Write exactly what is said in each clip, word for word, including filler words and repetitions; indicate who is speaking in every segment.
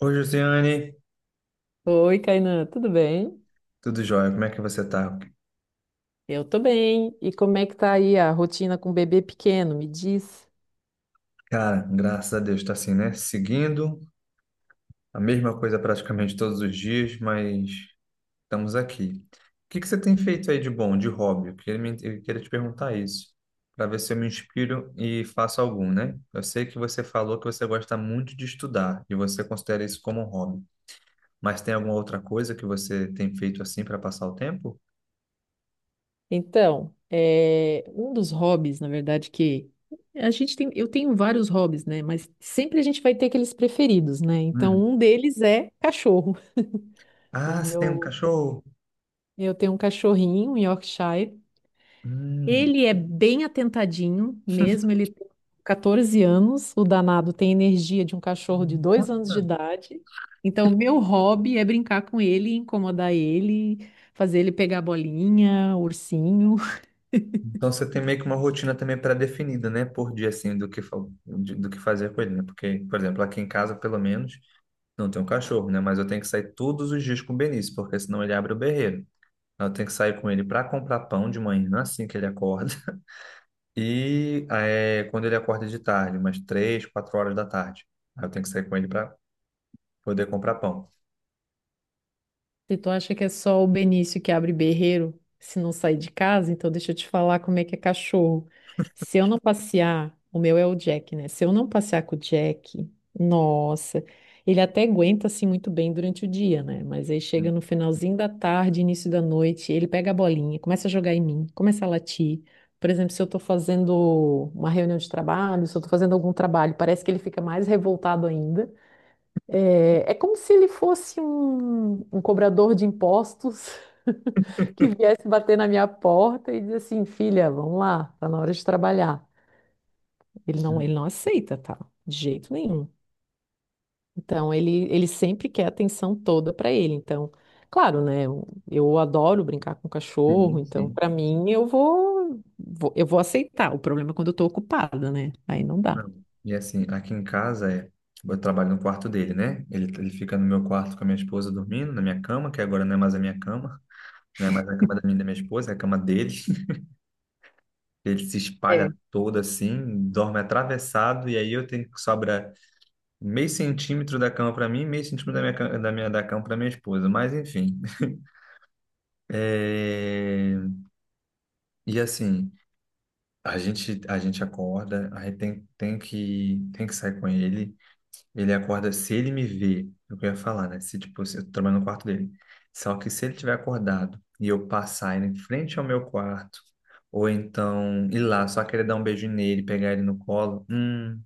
Speaker 1: Oi, Josiane,
Speaker 2: Oi, Kainan, tudo bem?
Speaker 1: tudo jóia? Como é que você tá?
Speaker 2: Eu tô bem. E como é que tá aí a rotina com o bebê pequeno? Me diz.
Speaker 1: Cara, graças a Deus, tá assim, né? Seguindo a mesma coisa praticamente todos os dias, mas estamos aqui. O que que você tem feito aí de bom, de hobby? Eu queria, me- eu queria te perguntar isso, para ver se eu me inspiro e faço algum, né? Eu sei que você falou que você gosta muito de estudar e você considera isso como um hobby, mas tem alguma outra coisa que você tem feito assim para passar o tempo?
Speaker 2: Então, é, um dos hobbies, na verdade, que a gente tem, eu tenho vários hobbies, né? Mas sempre a gente vai ter aqueles preferidos, né? Então,
Speaker 1: Hum.
Speaker 2: um deles é cachorro. O
Speaker 1: Ah, você tem um
Speaker 2: meu,
Speaker 1: cachorro?
Speaker 2: eu tenho um cachorrinho, um Yorkshire,
Speaker 1: Hum.
Speaker 2: ele é bem atentadinho, mesmo ele tem catorze anos, o danado tem energia de um cachorro de dois anos de
Speaker 1: Nossa!
Speaker 2: idade. Então, meu hobby é brincar com ele, incomodar ele, fazer ele pegar bolinha, ursinho.
Speaker 1: Então você tem meio que uma rotina também pré-definida, né, por dia assim do que fa- de- do que fazer com ele, né? Porque, por exemplo, aqui em casa, pelo menos, não tem um cachorro, né, mas eu tenho que sair todos os dias com o Benício, porque senão ele abre o berreiro. Então, eu tenho que sair com ele para comprar pão de manhã, assim que ele acorda, e é, quando ele acorda de tarde, umas três, quatro horas da tarde, aí eu tenho que sair com ele para poder comprar pão.
Speaker 2: Se tu acha que é só o Benício que abre berreiro se não sair de casa, então deixa eu te falar como é que é cachorro. Se eu não passear, o meu é o Jack, né? Se eu não passear com o Jack, nossa, ele até aguenta assim muito bem durante o dia, né? Mas aí chega no finalzinho da tarde, início da noite, ele pega a bolinha, começa a jogar em mim, começa a latir. Por exemplo, se eu tô fazendo uma reunião de trabalho, se eu tô fazendo algum trabalho, parece que ele fica mais revoltado ainda. É, é como se ele fosse um, um cobrador de impostos que viesse bater na minha porta e dizer assim, filha, vamos lá, tá na hora de trabalhar. Ele não, ele não aceita, tá? De jeito nenhum. Então ele, ele sempre quer a atenção toda para ele. Então, claro, né? Eu, eu adoro brincar com cachorro,
Speaker 1: Sim,
Speaker 2: então
Speaker 1: sim.
Speaker 2: para mim eu vou, vou- eu vou aceitar. O problema é quando eu tô ocupada, né? Aí não dá.
Speaker 1: Não. E assim, aqui em casa é, tipo, eu trabalho no quarto dele, né? Ele, ele fica no meu quarto com a minha esposa dormindo, na minha cama, que agora não é mais a minha cama, não é mais a cama da minha e da minha esposa, é a cama dele. Ele se espalha todo assim, dorme atravessado, e aí eu tenho que sobrar meio centímetro da cama para mim, meio centímetro da minha, ca- da minha da cama para minha esposa. Mas enfim. É, e assim, a gente, a gente acorda, aí tem, tem que, tem que sair com ele. Ele acorda, se ele me vê, é o que eu ia falar, né? Se, tipo, se eu tô trabalhando no quarto dele. Só que se ele tiver acordado e eu passar ele em frente ao meu quarto, ou então ir lá, só querer dar um beijo nele, pegar ele no colo, hum,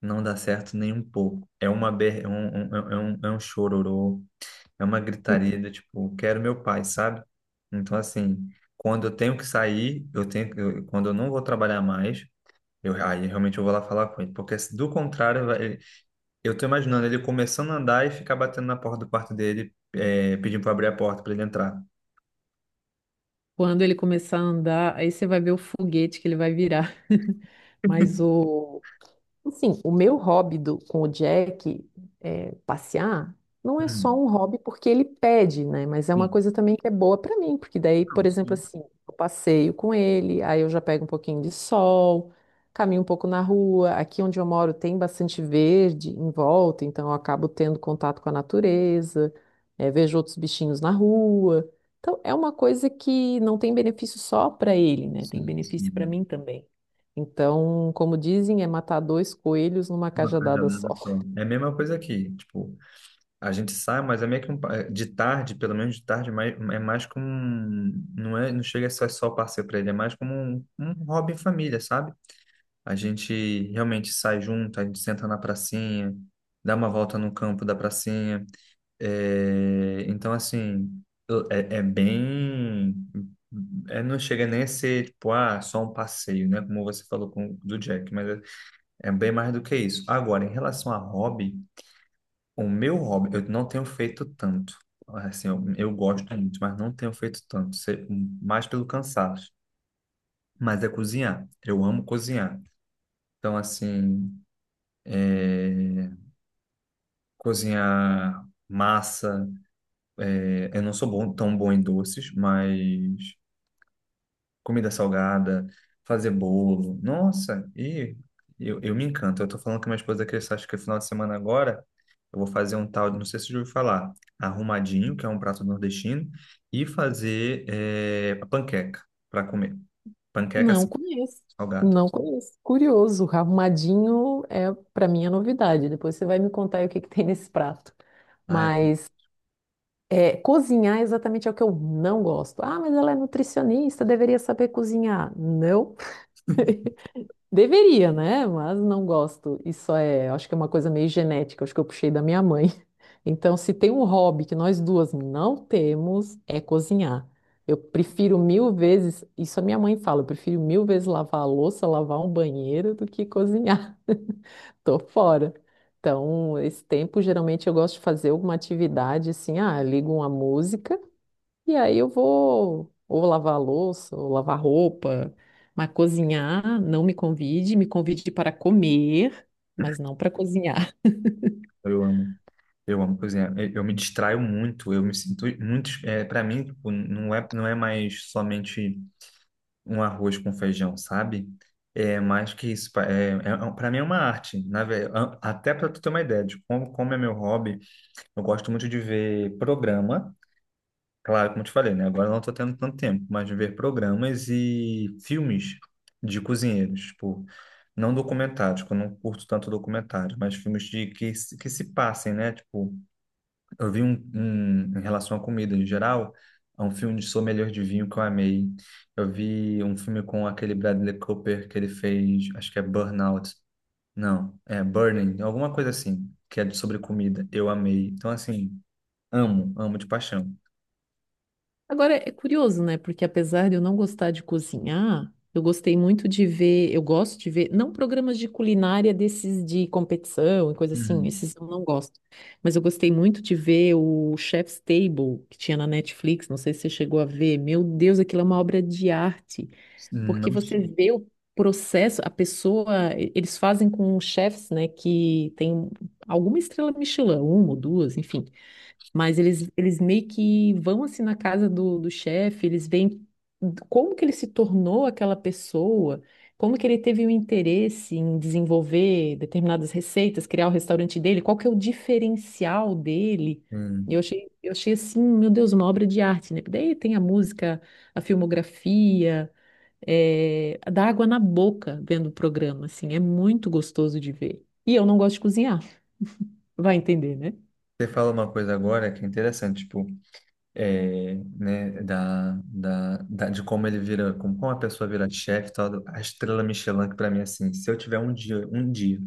Speaker 1: não dá certo nem um pouco. É uma ber... é um, um- é é um, é um chororô, é uma gritaria do tipo, quero meu pai, sabe? Então, assim, quando eu tenho que sair, eu tenho, eu- quando eu não vou trabalhar mais, eu, aí realmente eu vou lá falar com ele, porque se do contrário, eu tô imaginando ele começando a andar e ficar batendo na porta do quarto dele, é, pedindo para abrir a porta para ele entrar.
Speaker 2: Quando ele começar a andar, aí você vai ver o foguete que ele vai virar. Mas o, Assim, o meu hobby do- com o Jack é, passear não é só
Speaker 1: Hum,
Speaker 2: um hobby porque ele pede, né? Mas é uma
Speaker 1: sim.
Speaker 2: coisa também que é boa para mim, porque daí, por
Speaker 1: Não,
Speaker 2: exemplo,
Speaker 1: sim,
Speaker 2: assim, eu passeio com ele, aí eu já pego um pouquinho de sol, caminho um pouco na rua. Aqui onde eu moro tem bastante verde em volta, então eu acabo tendo contato com a natureza, é, vejo outros bichinhos na rua. Então, é uma coisa que não tem benefício só para ele, né? Tem
Speaker 1: sim,
Speaker 2: benefício para
Speaker 1: sim.
Speaker 2: mim também. Então, como dizem, é matar dois coelhos numa
Speaker 1: Uma
Speaker 2: cajadada
Speaker 1: cajadada
Speaker 2: só.
Speaker 1: só. É a mesma coisa aqui. Tipo, a gente sai, mas é meio que um, pa- é, de tarde, pelo menos de tarde, mais, é mais como um, não é, não chega a ser só passeio para ele, é mais como um, um hobby em família, sabe? A gente realmente sai junto, a gente senta na pracinha, dá uma volta no campo da pracinha. É, então, assim, eu- é, é bem. É, não chega nem a ser, tipo, ah, só um passeio, né? Como você falou com, do Jack, mas é, é bem mais do que isso. Agora, em relação a hobby, o meu hobby, eu não tenho feito tanto. Assim, eu, eu gosto muito, mas não tenho feito tanto, se- mais pelo cansaço. Mas é cozinhar. Eu amo cozinhar. Então, assim, cozinhar massa. é, Eu não sou bom, tão bom em doces, mas. Comida salgada, fazer bolo. Nossa, e eu, eu me encanto. Eu tô falando com minha esposa que acho que é final de semana agora eu vou fazer um tal, de- não sei se você já ouviu falar, arrumadinho, que é um prato nordestino, e fazer eh, panqueca para comer. Panqueca
Speaker 2: Não
Speaker 1: assim,
Speaker 2: conheço.
Speaker 1: salgada.
Speaker 2: Não conheço. Curioso, arrumadinho é para mim a novidade. Depois você vai me contar aí o que que tem nesse prato.
Speaker 1: Ah, é.
Speaker 2: Mas é, cozinhar exatamente é o que eu não gosto. Ah, mas ela é nutricionista, deveria saber cozinhar. Não. Deveria, né? Mas não gosto. Isso é, acho que é uma coisa meio genética, acho que eu puxei da minha mãe. Então, se tem um hobby que nós duas não temos, é cozinhar. Eu prefiro mil vezes, isso a minha mãe fala, eu prefiro mil vezes lavar a louça, lavar um banheiro do que cozinhar. Tô fora. Então, esse tempo, geralmente eu gosto de fazer alguma atividade assim, ah, ligo uma música. E aí eu vou ou lavar a louça, ou lavar roupa, mas cozinhar, não me convide, me convide para comer, mas não para cozinhar.
Speaker 1: Eu amo. Eu amo cozinhar. Eu, eu me distraio muito. Eu me sinto muito. É, para mim, tipo, não é, não é mais somente um arroz com feijão, sabe? É mais que isso. pa- É, é, para mim é uma arte, na ve- a- até para tu ter uma ideia de como, como é meu hobby, eu gosto muito de ver programa. Claro, como eu te falei, né? Agora eu não estou tendo tanto tempo, mas de ver programas e filmes de cozinheiros, tipo, não documentários, que eu não curto tanto documentário, mas filmes de que, se- que se passem, né? Tipo, eu vi um, um- em relação à comida em geral, é um filme de sommelier de vinho que eu amei. Eu vi um filme com aquele Bradley Cooper que ele fez, acho que é Burnout. Não, é Burning, alguma coisa assim, que é de- sobre comida. Eu amei. Então, assim, amo, amo de paixão.
Speaker 2: Agora é curioso, né? Porque apesar de eu não gostar de cozinhar, eu gostei muito de ver, eu gosto de ver, não programas de culinária desses de competição e coisa assim,
Speaker 1: Uhum.
Speaker 2: esses eu não gosto. Mas eu gostei muito de ver o Chef's Table que tinha na Netflix, não sei se você chegou a ver. Meu Deus, aquilo é uma obra de arte. Porque
Speaker 1: Não,
Speaker 2: você
Speaker 1: che-
Speaker 2: vê o processo, a pessoa, e- eles fazem com chefes, né, que tem alguma estrela Michelin, uma ou duas, enfim. Mas eles, eles meio que vão assim na casa do, do chefe, eles veem como que ele se tornou aquela pessoa, como que ele teve o interesse em desenvolver determinadas receitas, criar o restaurante dele, qual que é o diferencial dele. E Eu
Speaker 1: hum.
Speaker 2: achei, eu achei assim, meu Deus, uma obra de arte, né? Daí tem a música, a filmografia é, dá água na boca vendo o programa, assim, é muito gostoso de ver. E eu não gosto de cozinhar, vai entender, né?
Speaker 1: Você fala uma coisa agora que é interessante, tipo, é, né, da, da, da- de como ele vira, como, como a pessoa vira chefe, e tal, a estrela Michelin, que para mim, assim, se eu tiver um dia, um dia,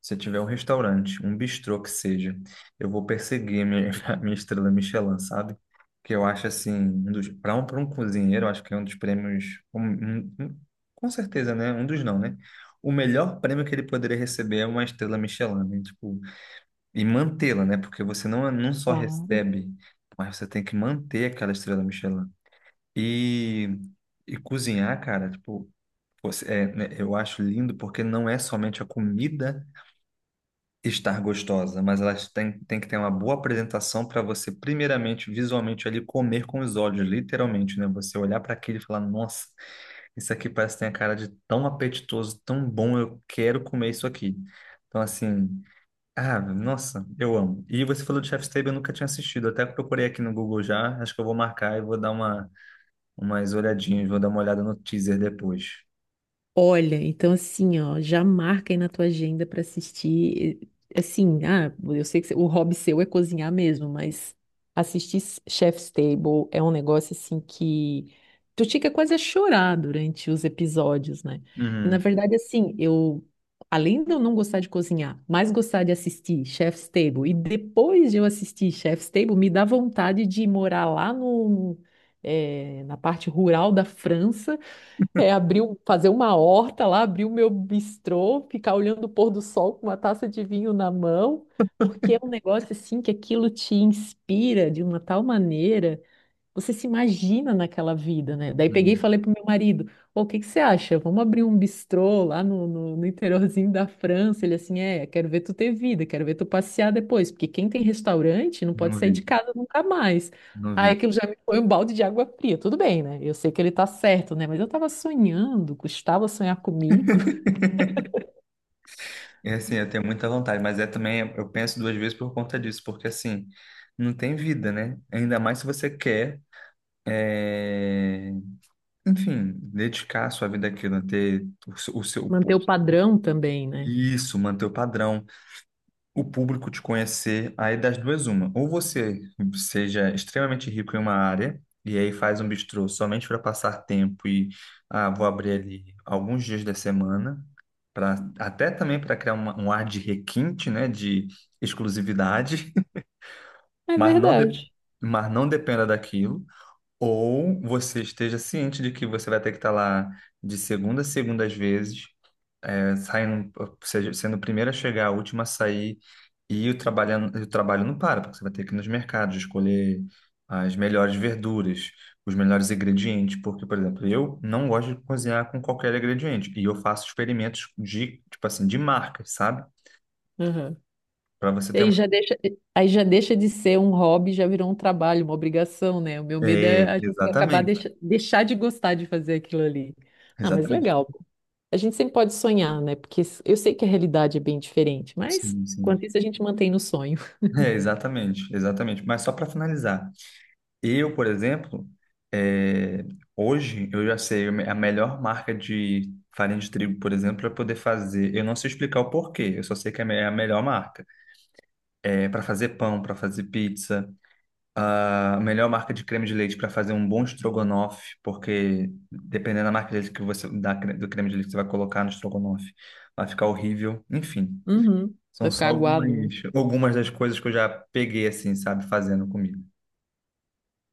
Speaker 1: se eu tiver um restaurante, um bistrô que seja, eu vou perseguir a minha, a minha estrela Michelin, sabe? Que eu acho, assim, um dos, para um, para um cozinheiro, eu acho que é um dos prêmios, um- um- um- com certeza, né? Um dos não, né? O melhor prêmio que ele poderia receber é uma estrela Michelin, né? Tipo, e mantê-la, né? Porque você não, não só
Speaker 2: Claro.
Speaker 1: recebe, mas você tem que manter aquela estrela Michelin. E, e cozinhar, cara, tipo, você- é, né, eu acho lindo porque não é somente a comida estar gostosa, mas ela tem, tem que ter uma boa apresentação para você, primeiramente, visualmente ali, comer com os olhos, literalmente, né? Você olhar para aquilo e falar, nossa, isso aqui parece que tem a cara de tão apetitoso, tão bom, eu quero comer isso aqui. Então, assim. Ah, nossa, eu amo. E você falou de Chef's Table, eu nunca tinha assistido. Até procurei aqui no Google já. Acho que eu vou marcar e vou dar uma, umas olhadinhas, vou dar uma olhada no teaser depois.
Speaker 2: Olha, então assim, ó, já marca aí na tua agenda para assistir. eh, Assim, ah, eu sei que cê- o hobby seu é cozinhar mesmo, mas assistir S- Chef's Table é um negócio assim que tu fica quase a chorar durante os episódios, né? E na
Speaker 1: Uhum,
Speaker 2: verdade, assim, eu, além de eu não gostar de cozinhar, mas gostar de assistir Chef's Table, e depois de eu assistir Chef's Table, me dá vontade de morar lá no, eh, na parte rural da França é, abrir, um- fazer uma horta lá, abrir o meu bistrô, ficar olhando o pôr do sol com uma taça de vinho na mão, porque é um negócio assim que aquilo te inspira de uma tal maneira. Você se imagina naquela vida, né? Daí peguei e
Speaker 1: uhum.
Speaker 2: falei pro meu marido: Pô, o que que você acha? Vamos abrir um bistrô lá no, no, no interiorzinho da França. Ele assim: É, quero ver tu ter vida, quero ver tu passear depois, porque quem tem restaurante não pode
Speaker 1: Não
Speaker 2: sair de
Speaker 1: vi,
Speaker 2: casa nunca mais.
Speaker 1: não
Speaker 2: Aí
Speaker 1: vi.
Speaker 2: aquilo já me foi um balde de água fria. Tudo bem, né? Eu sei que ele tá certo, né? Mas eu tava sonhando, custava sonhar comigo.
Speaker 1: É assim, eu tenho muita vontade, mas é também, eu penso duas vezes por conta disso, porque assim, não tem vida, né? Ainda mais se você quer, é, enfim, dedicar a sua vida àquilo, ter o seu, o seu-
Speaker 2: Manter o padrão também, né?
Speaker 1: Isso, manter o padrão. O público te conhecer, aí das duas uma. Ou você seja extremamente rico em uma área e aí faz um bistrô somente para passar tempo e ah, vou abrir ali alguns dias da semana, para até também para criar uma- um ar de requinte, né, de exclusividade,
Speaker 2: É
Speaker 1: mas não de-
Speaker 2: verdade.
Speaker 1: mas não dependa daquilo. Ou você esteja ciente de que você vai ter que estar lá de segunda a segunda às vezes saindo, seja, sendo o primeiro a chegar, a última a sair, e o trabalho, o trabalho não para, porque você vai ter que ir nos mercados escolher as melhores verduras, os melhores ingredientes, porque, por exemplo, eu não gosto de cozinhar com qualquer ingrediente, e eu faço experimentos de, tipo assim, de marcas, sabe?
Speaker 2: Aham.
Speaker 1: Para você
Speaker 2: E
Speaker 1: ter
Speaker 2: aí
Speaker 1: uma...
Speaker 2: já deixa, aí já deixa de ser um hobby, já virou um trabalho, uma obrigação, né? O meu medo
Speaker 1: É,
Speaker 2: é a gente acabar
Speaker 1: exatamente,
Speaker 2: deixa, deixar de gostar de fazer aquilo ali. Ah, mas
Speaker 1: exatamente.
Speaker 2: legal. A gente sempre pode sonhar, né? Porque s- eu sei que a realidade é bem diferente, mas
Speaker 1: Sim, sim.
Speaker 2: quanto isso a gente mantém no sonho.
Speaker 1: É, exatamente, exatamente. Mas só para finalizar, eu, por exemplo, eh, hoje eu já sei a melhor marca de farinha de trigo, por exemplo, para poder fazer. Eu não sei explicar o porquê, eu só sei que é a me- é a melhor marca. É, para fazer pão, para fazer pizza, a melhor marca de creme de leite para fazer um bom estrogonofe, porque dependendo da marca de leite que você, da, cre- do creme de leite que você vai colocar no estrogonofe, vai ficar horrível. Enfim,
Speaker 2: Uhum.
Speaker 1: são
Speaker 2: Vai
Speaker 1: só
Speaker 2: ficar
Speaker 1: algumas,
Speaker 2: aguado, né?
Speaker 1: algumas das coisas que eu já peguei assim, sabe, fazendo comigo.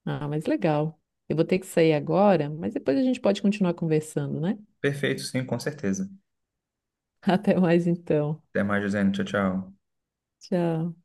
Speaker 2: Ah, mas legal. Eu vou ter que sair agora, mas depois a gente pode continuar conversando, né?
Speaker 1: Perfeito, sim, com certeza.
Speaker 2: Até mais então.
Speaker 1: Até mais, Josiane. Tchau, tchau.
Speaker 2: Tchau.